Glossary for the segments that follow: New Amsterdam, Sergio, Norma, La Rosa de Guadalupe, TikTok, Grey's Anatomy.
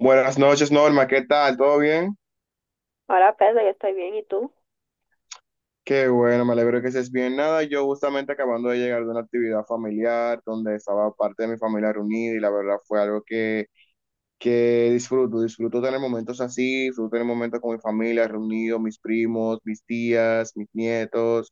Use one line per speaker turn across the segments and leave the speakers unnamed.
Buenas noches, Norma, ¿qué tal? ¿Todo bien?
Hola Pedro, yo estoy bien, ¿y tú?
Qué bueno, me alegro que estés bien. Nada, yo justamente acabando de llegar de una actividad familiar donde estaba parte de mi familia reunida y la verdad fue algo que disfruto, disfruto tener momentos así, disfruto tener momentos con mi familia, reunido, mis primos, mis tías, mis nietos,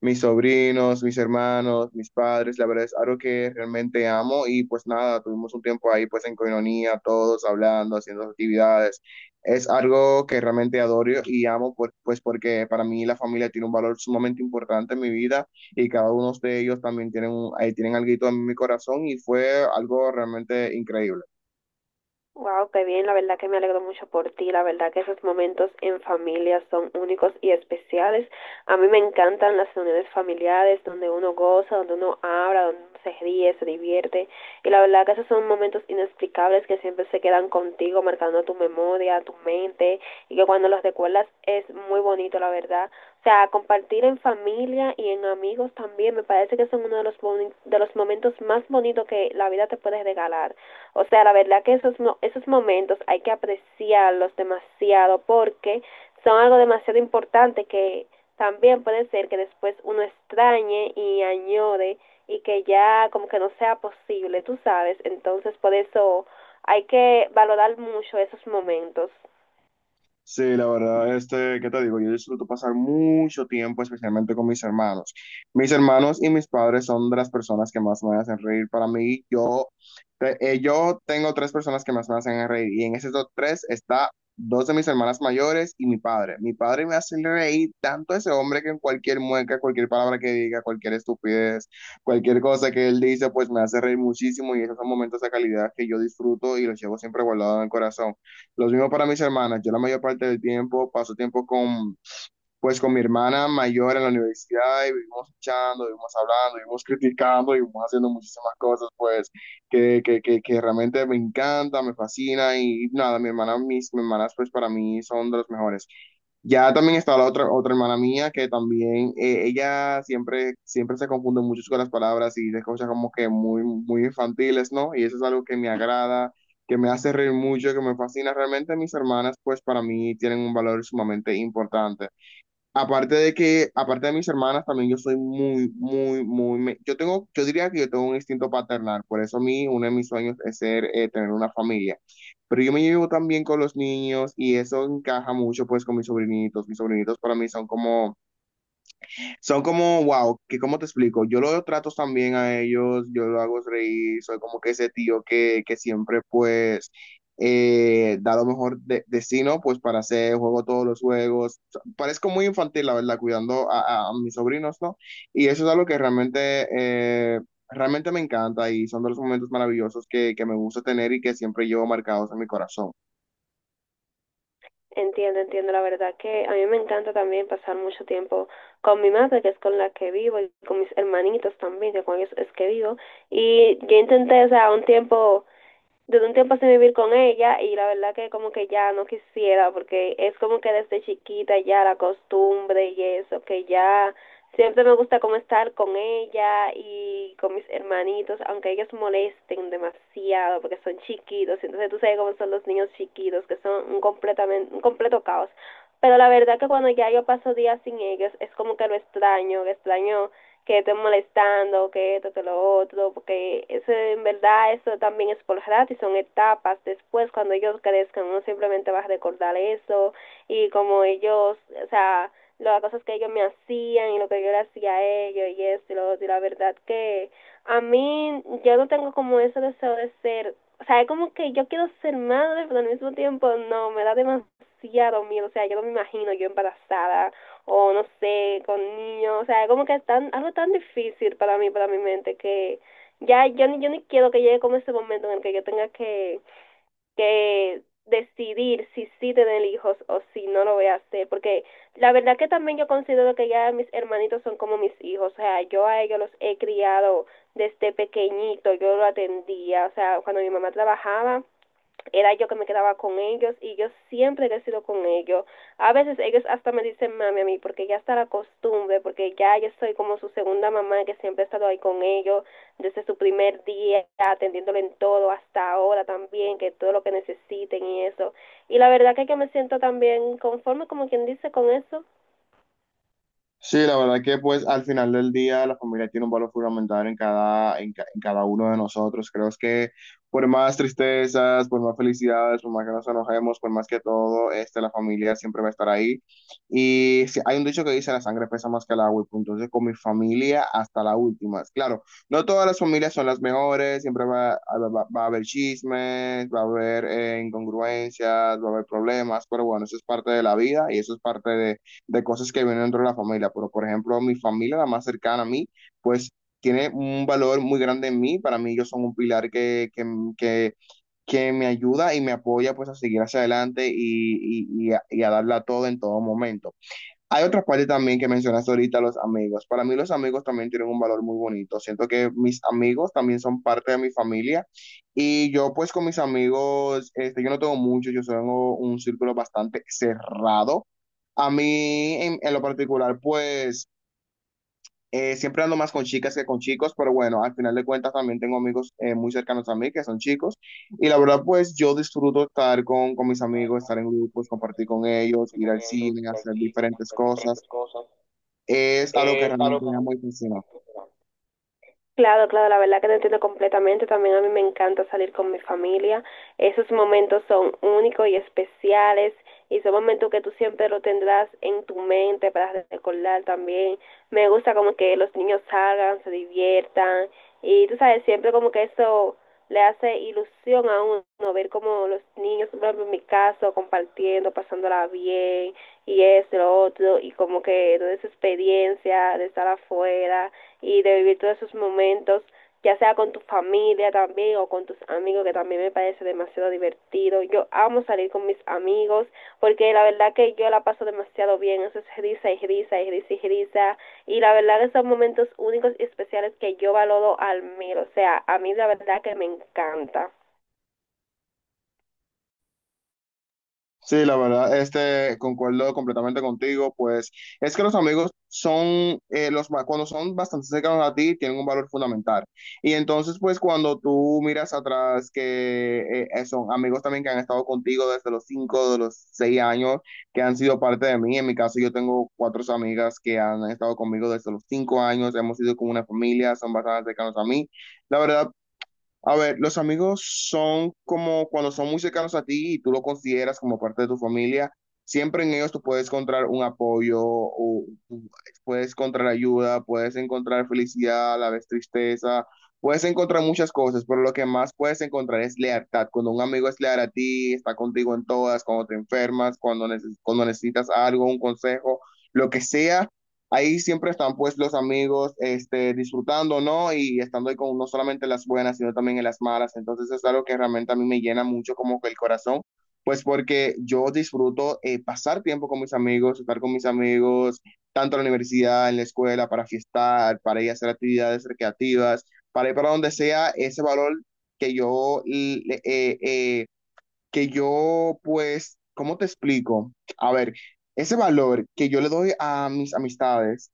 mis sobrinos, mis hermanos, mis padres, la verdad es algo que realmente amo y pues nada, tuvimos un tiempo ahí pues en coinonía, todos hablando, haciendo actividades. Es algo que realmente adoro y amo pues porque para mí la familia tiene un valor sumamente importante en mi vida y cada uno de ellos también tienen, tienen algo en mi corazón y fue algo realmente increíble.
Wow, qué bien, la verdad que me alegro mucho por ti, la verdad que esos momentos en familia son únicos y especiales. A mí me encantan las reuniones familiares donde uno goza, donde uno habla, donde uno se ríe, se divierte y la verdad que esos son momentos inexplicables que siempre se quedan contigo, marcando tu memoria, tu mente y que cuando los recuerdas es muy bonito, la verdad. O sea, compartir en familia y en amigos también me parece que son uno de los, boni- de los momentos más bonitos que la vida te puede regalar. O sea, la verdad que esos, esos momentos hay que apreciarlos demasiado porque son algo demasiado importante que también puede ser que después uno extrañe y añore y que ya como que no sea posible, tú sabes. Entonces, por eso hay que valorar mucho esos momentos.
Sí, la verdad, este, ¿qué te digo? Yo disfruto pasar mucho tiempo, especialmente con mis hermanos. Mis hermanos y mis padres son de las personas que más me hacen reír. Para mí, yo, yo tengo tres personas que más me hacen reír y en esos tres está dos de mis hermanas mayores y mi padre. Mi padre me hace reír tanto ese hombre que en cualquier mueca, cualquier palabra que diga, cualquier estupidez, cualquier cosa que él dice, pues me hace reír muchísimo y esos son momentos de calidad que yo disfruto y los llevo siempre guardado en el corazón. Lo mismo para mis hermanas. Yo la mayor parte del tiempo paso tiempo con, pues, con mi hermana mayor en la universidad y vivimos echando, vivimos hablando, vivimos criticando, vivimos haciendo muchísimas cosas, pues, que realmente me encanta, me fascina y nada, mi hermana, mis hermanas, pues, para mí son de los mejores. Ya también está la otra, otra hermana mía que también, ella siempre, siempre se confunde mucho con las palabras y dice cosas como que muy, muy infantiles, ¿no? Y eso es algo que me agrada, que me hace reír mucho, que me fascina. Realmente mis hermanas, pues para mí tienen un valor sumamente importante. Aparte de que, aparte de mis hermanas, también yo soy muy, muy, yo tengo, yo diría que yo tengo un instinto paternal, por eso a mí uno de mis sueños es ser, tener una familia. Pero yo me llevo también con los niños y eso encaja mucho pues con mis sobrinitos. Mis sobrinitos para mí son como, wow, que cómo te explico, yo los trato también a ellos, yo lo hago reír, soy como que ese tío que siempre pues da lo mejor de sí, ¿no? Pues para hacer, juego todos los juegos. O sea, parezco muy infantil, la verdad, cuidando a, a mis sobrinos, ¿no? Y eso es algo que realmente, realmente me encanta y son de los momentos maravillosos que me gusta tener y que siempre llevo marcados en mi corazón.
Entiendo, entiendo. La verdad que a mí me encanta también pasar mucho tiempo con mi madre, que es con la que vivo, y con mis hermanitos también, que con ellos es que vivo. Y yo intenté, o sea, un tiempo duré un tiempo sin vivir con ella y la verdad que como que ya no quisiera porque es como que desde chiquita ya la costumbre y eso, que ya siempre me gusta como estar con ella y con mis hermanitos, aunque ellos molesten demasiado porque son chiquitos, entonces tú sabes cómo son los niños chiquitos, que son un, completamente, un completo caos. Pero la verdad que cuando ya yo paso días sin ellos, es como que lo extraño que esté molestando, que esto, que lo otro, porque eso en verdad eso también es por rato y son etapas. Después cuando ellos crezcan uno simplemente va a recordar eso y como ellos, o sea, las cosas que ellos me hacían y lo que yo le hacía a ellos y esto y lo otro. Y la verdad que a mí yo no tengo como ese deseo de ser, o sea, es como que yo quiero ser madre, pero al mismo tiempo no, me da demasiado miedo, o sea, yo no me imagino yo embarazada o no sé, con niños, o sea, como que es tan, algo tan difícil para mí, para mi mente, que ya yo ni quiero que llegue como ese momento en el que yo tenga que decidir si sí tener hijos o si no lo voy a hacer, porque la verdad que también yo considero que ya mis hermanitos son como mis hijos, o sea, yo a ellos los he criado desde pequeñito, yo lo atendía, o sea, cuando mi mamá trabajaba, era yo que me quedaba con ellos y yo siempre he sido con ellos. A veces ellos hasta me dicen mami a mí porque ya está la costumbre, porque ya yo soy como su segunda mamá que siempre he estado ahí con ellos desde su primer día, atendiéndole en todo hasta ahora también, que todo lo que necesiten y eso. Y la verdad que me siento también conforme como quien dice con eso.
Sí, la verdad que pues al final del día la familia tiene un valor fundamental en cada, en cada uno de nosotros. Creo es que por más tristezas, por más felicidades, por más que nos enojemos, por más que todo, este, la familia siempre va a estar ahí. Y sí, hay un dicho que dice, la sangre pesa más que el agua. Y punto. Entonces con mi familia hasta la última. Claro, no todas las familias son las mejores, siempre va a haber chismes, va a haber incongruencias, va a haber problemas, pero bueno, eso es parte de la vida y eso es parte de cosas que vienen dentro de la familia, pero por ejemplo, mi familia, la más cercana a mí, pues tiene un valor muy grande en mí, para mí ellos son un pilar que, que me ayuda y me apoya pues a seguir hacia adelante y a darla todo en todo momento. Hay otra parte también que mencionaste ahorita, los amigos. Para mí los amigos también tienen un valor muy bonito. Siento que mis amigos también son parte de mi familia y yo pues con mis amigos, este, yo no tengo muchos, yo tengo un círculo bastante cerrado. A mí en lo particular pues siempre ando más con chicas que con chicos, pero bueno, al final de cuentas también tengo amigos muy cercanos a mí que son chicos y la verdad pues yo disfruto estar con mis amigos, estar en grupos, compartir con ellos, ir al cine, hacer diferentes cosas es algo que realmente me amo y fascina.
Claro, claro, la verdad que te entiendo completamente. También a mí me encanta salir con mi familia. Esos momentos son únicos y especiales y son momentos que tú siempre lo tendrás en tu mente para recordar también. Me gusta como que los niños salgan, se diviertan y tú sabes, siempre como que eso le hace ilusión a uno ver como los niños, por ejemplo, en mi caso, compartiendo, pasándola bien y eso, lo otro y como que toda esa experiencia de estar afuera y de vivir todos esos momentos, ya sea con tu familia también o con tus amigos, que también me parece demasiado divertido. Yo amo salir con mis amigos porque la verdad que yo la paso demasiado bien. Eso es risa y risa y risa y risa. Y la verdad que son momentos únicos y especiales que yo valoro al mil. O sea, a mí la verdad que me encanta.
Sí, la verdad, este, concuerdo completamente contigo, pues es que los amigos son, cuando son bastante cercanos a ti, tienen un valor fundamental. Y entonces, pues cuando tú miras atrás que son amigos también que han estado contigo desde los cinco, de los seis años, que han sido parte de mí, en mi caso yo tengo cuatro amigas que han estado conmigo desde los cinco años, hemos sido como una familia, son bastante cercanos a mí. La verdad, a ver, los amigos son como cuando son muy cercanos a ti y tú lo consideras como parte de tu familia, siempre en ellos tú puedes encontrar un apoyo, o tú puedes encontrar ayuda, puedes encontrar felicidad, a la vez tristeza, puedes encontrar muchas cosas, pero lo que más puedes encontrar es lealtad. Cuando un amigo es leal a ti, está contigo en todas, cuando te enfermas, cuando, cuando necesitas algo, un consejo, lo que sea ahí siempre están pues los amigos este, disfrutando, ¿no? Y estando ahí con no solamente las buenas, sino también en las malas. Entonces es algo que realmente a mí me llena mucho como que el corazón, pues porque yo disfruto pasar tiempo con mis amigos, estar con mis amigos, tanto en la universidad, en la escuela, para fiestar, para ir a hacer actividades recreativas, para ir para donde sea ese valor que yo eh, eh, que yo, pues, ¿cómo te explico? A ver, ese valor que yo le doy a mis amistades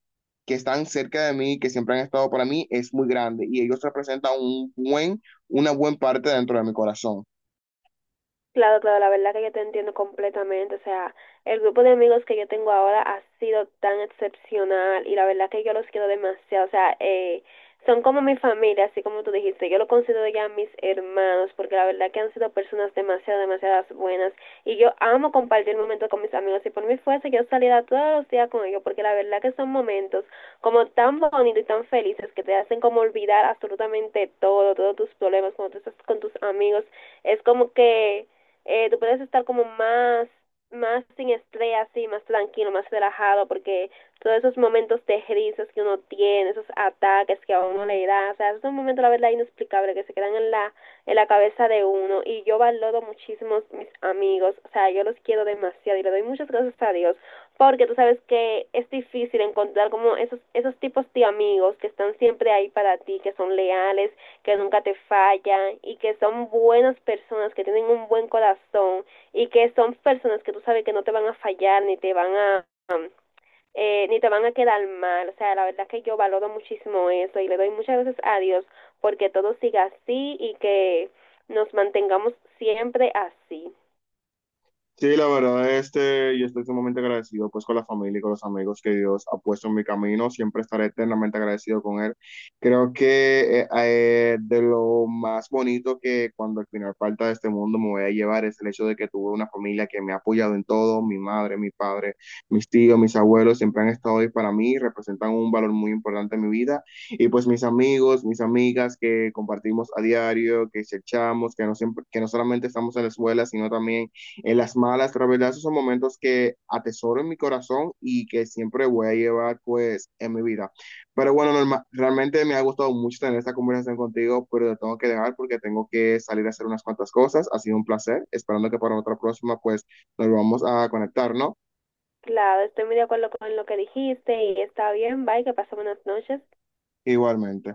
que están cerca de mí, que siempre han estado para mí, es muy grande y ellos representan un buen, una buena parte dentro de mi corazón.
Claro, claro, la verdad que yo te entiendo completamente. O sea, el grupo de amigos que yo tengo ahora ha sido tan excepcional y la verdad que yo los quiero demasiado. O sea, son como mi familia, así como tú dijiste. Yo lo considero ya mis hermanos porque la verdad que han sido personas demasiado, demasiadas buenas y yo amo compartir momentos con mis amigos. Si por mí fuese, yo saliera todos los días con ellos porque la verdad que son momentos como tan bonitos y tan felices que te hacen como olvidar absolutamente todo, todos tus problemas cuando tú estás con tus amigos. Es como que tú puedes estar como más, más sin estrés, así, más tranquilo, más relajado, porque todos esos momentos de risas que uno tiene, esos ataques que a uno le da, o sea, es un momento, la verdad, inexplicable, que se quedan en la cabeza de uno, y yo valoro muchísimo mis amigos, o sea, yo los quiero demasiado, y le doy muchas gracias a Dios, porque tú sabes que es difícil encontrar como esos, esos tipos de amigos que están siempre ahí para ti, que son leales, que nunca te fallan y que son buenas personas, que tienen un buen corazón y que son personas que tú sabes que no te van a fallar ni te van a ni te van a quedar mal. O sea, la verdad que yo valoro muchísimo eso y le doy muchas gracias a Dios porque todo siga así y que nos mantengamos siempre así.
Sí, la verdad, este, yo estoy sumamente agradecido pues con la familia y con los amigos que Dios ha puesto en mi camino. Siempre estaré eternamente agradecido con Él. Creo que de lo más bonito que cuando al final falta de este mundo me voy a llevar es el hecho de que tuve una familia que me ha apoyado en todo. Mi madre, mi padre, mis tíos, mis abuelos siempre han estado ahí para mí, representan un valor muy importante en mi vida. Y pues mis amigos, mis amigas que compartimos a diario, que echamos, que no, siempre, que no solamente estamos en la escuela, sino también en las malas, pero la verdad esos son momentos que atesoro en mi corazón y que siempre voy a llevar pues en mi vida. Pero bueno, Norma, realmente me ha gustado mucho tener esta conversación contigo, pero te tengo que dejar porque tengo que salir a hacer unas cuantas cosas. Ha sido un placer, esperando que para otra próxima pues nos vamos a conectar, ¿no?
Claro, estoy muy de acuerdo con lo que dijiste y está bien, bye, que pasen buenas noches.
Igualmente.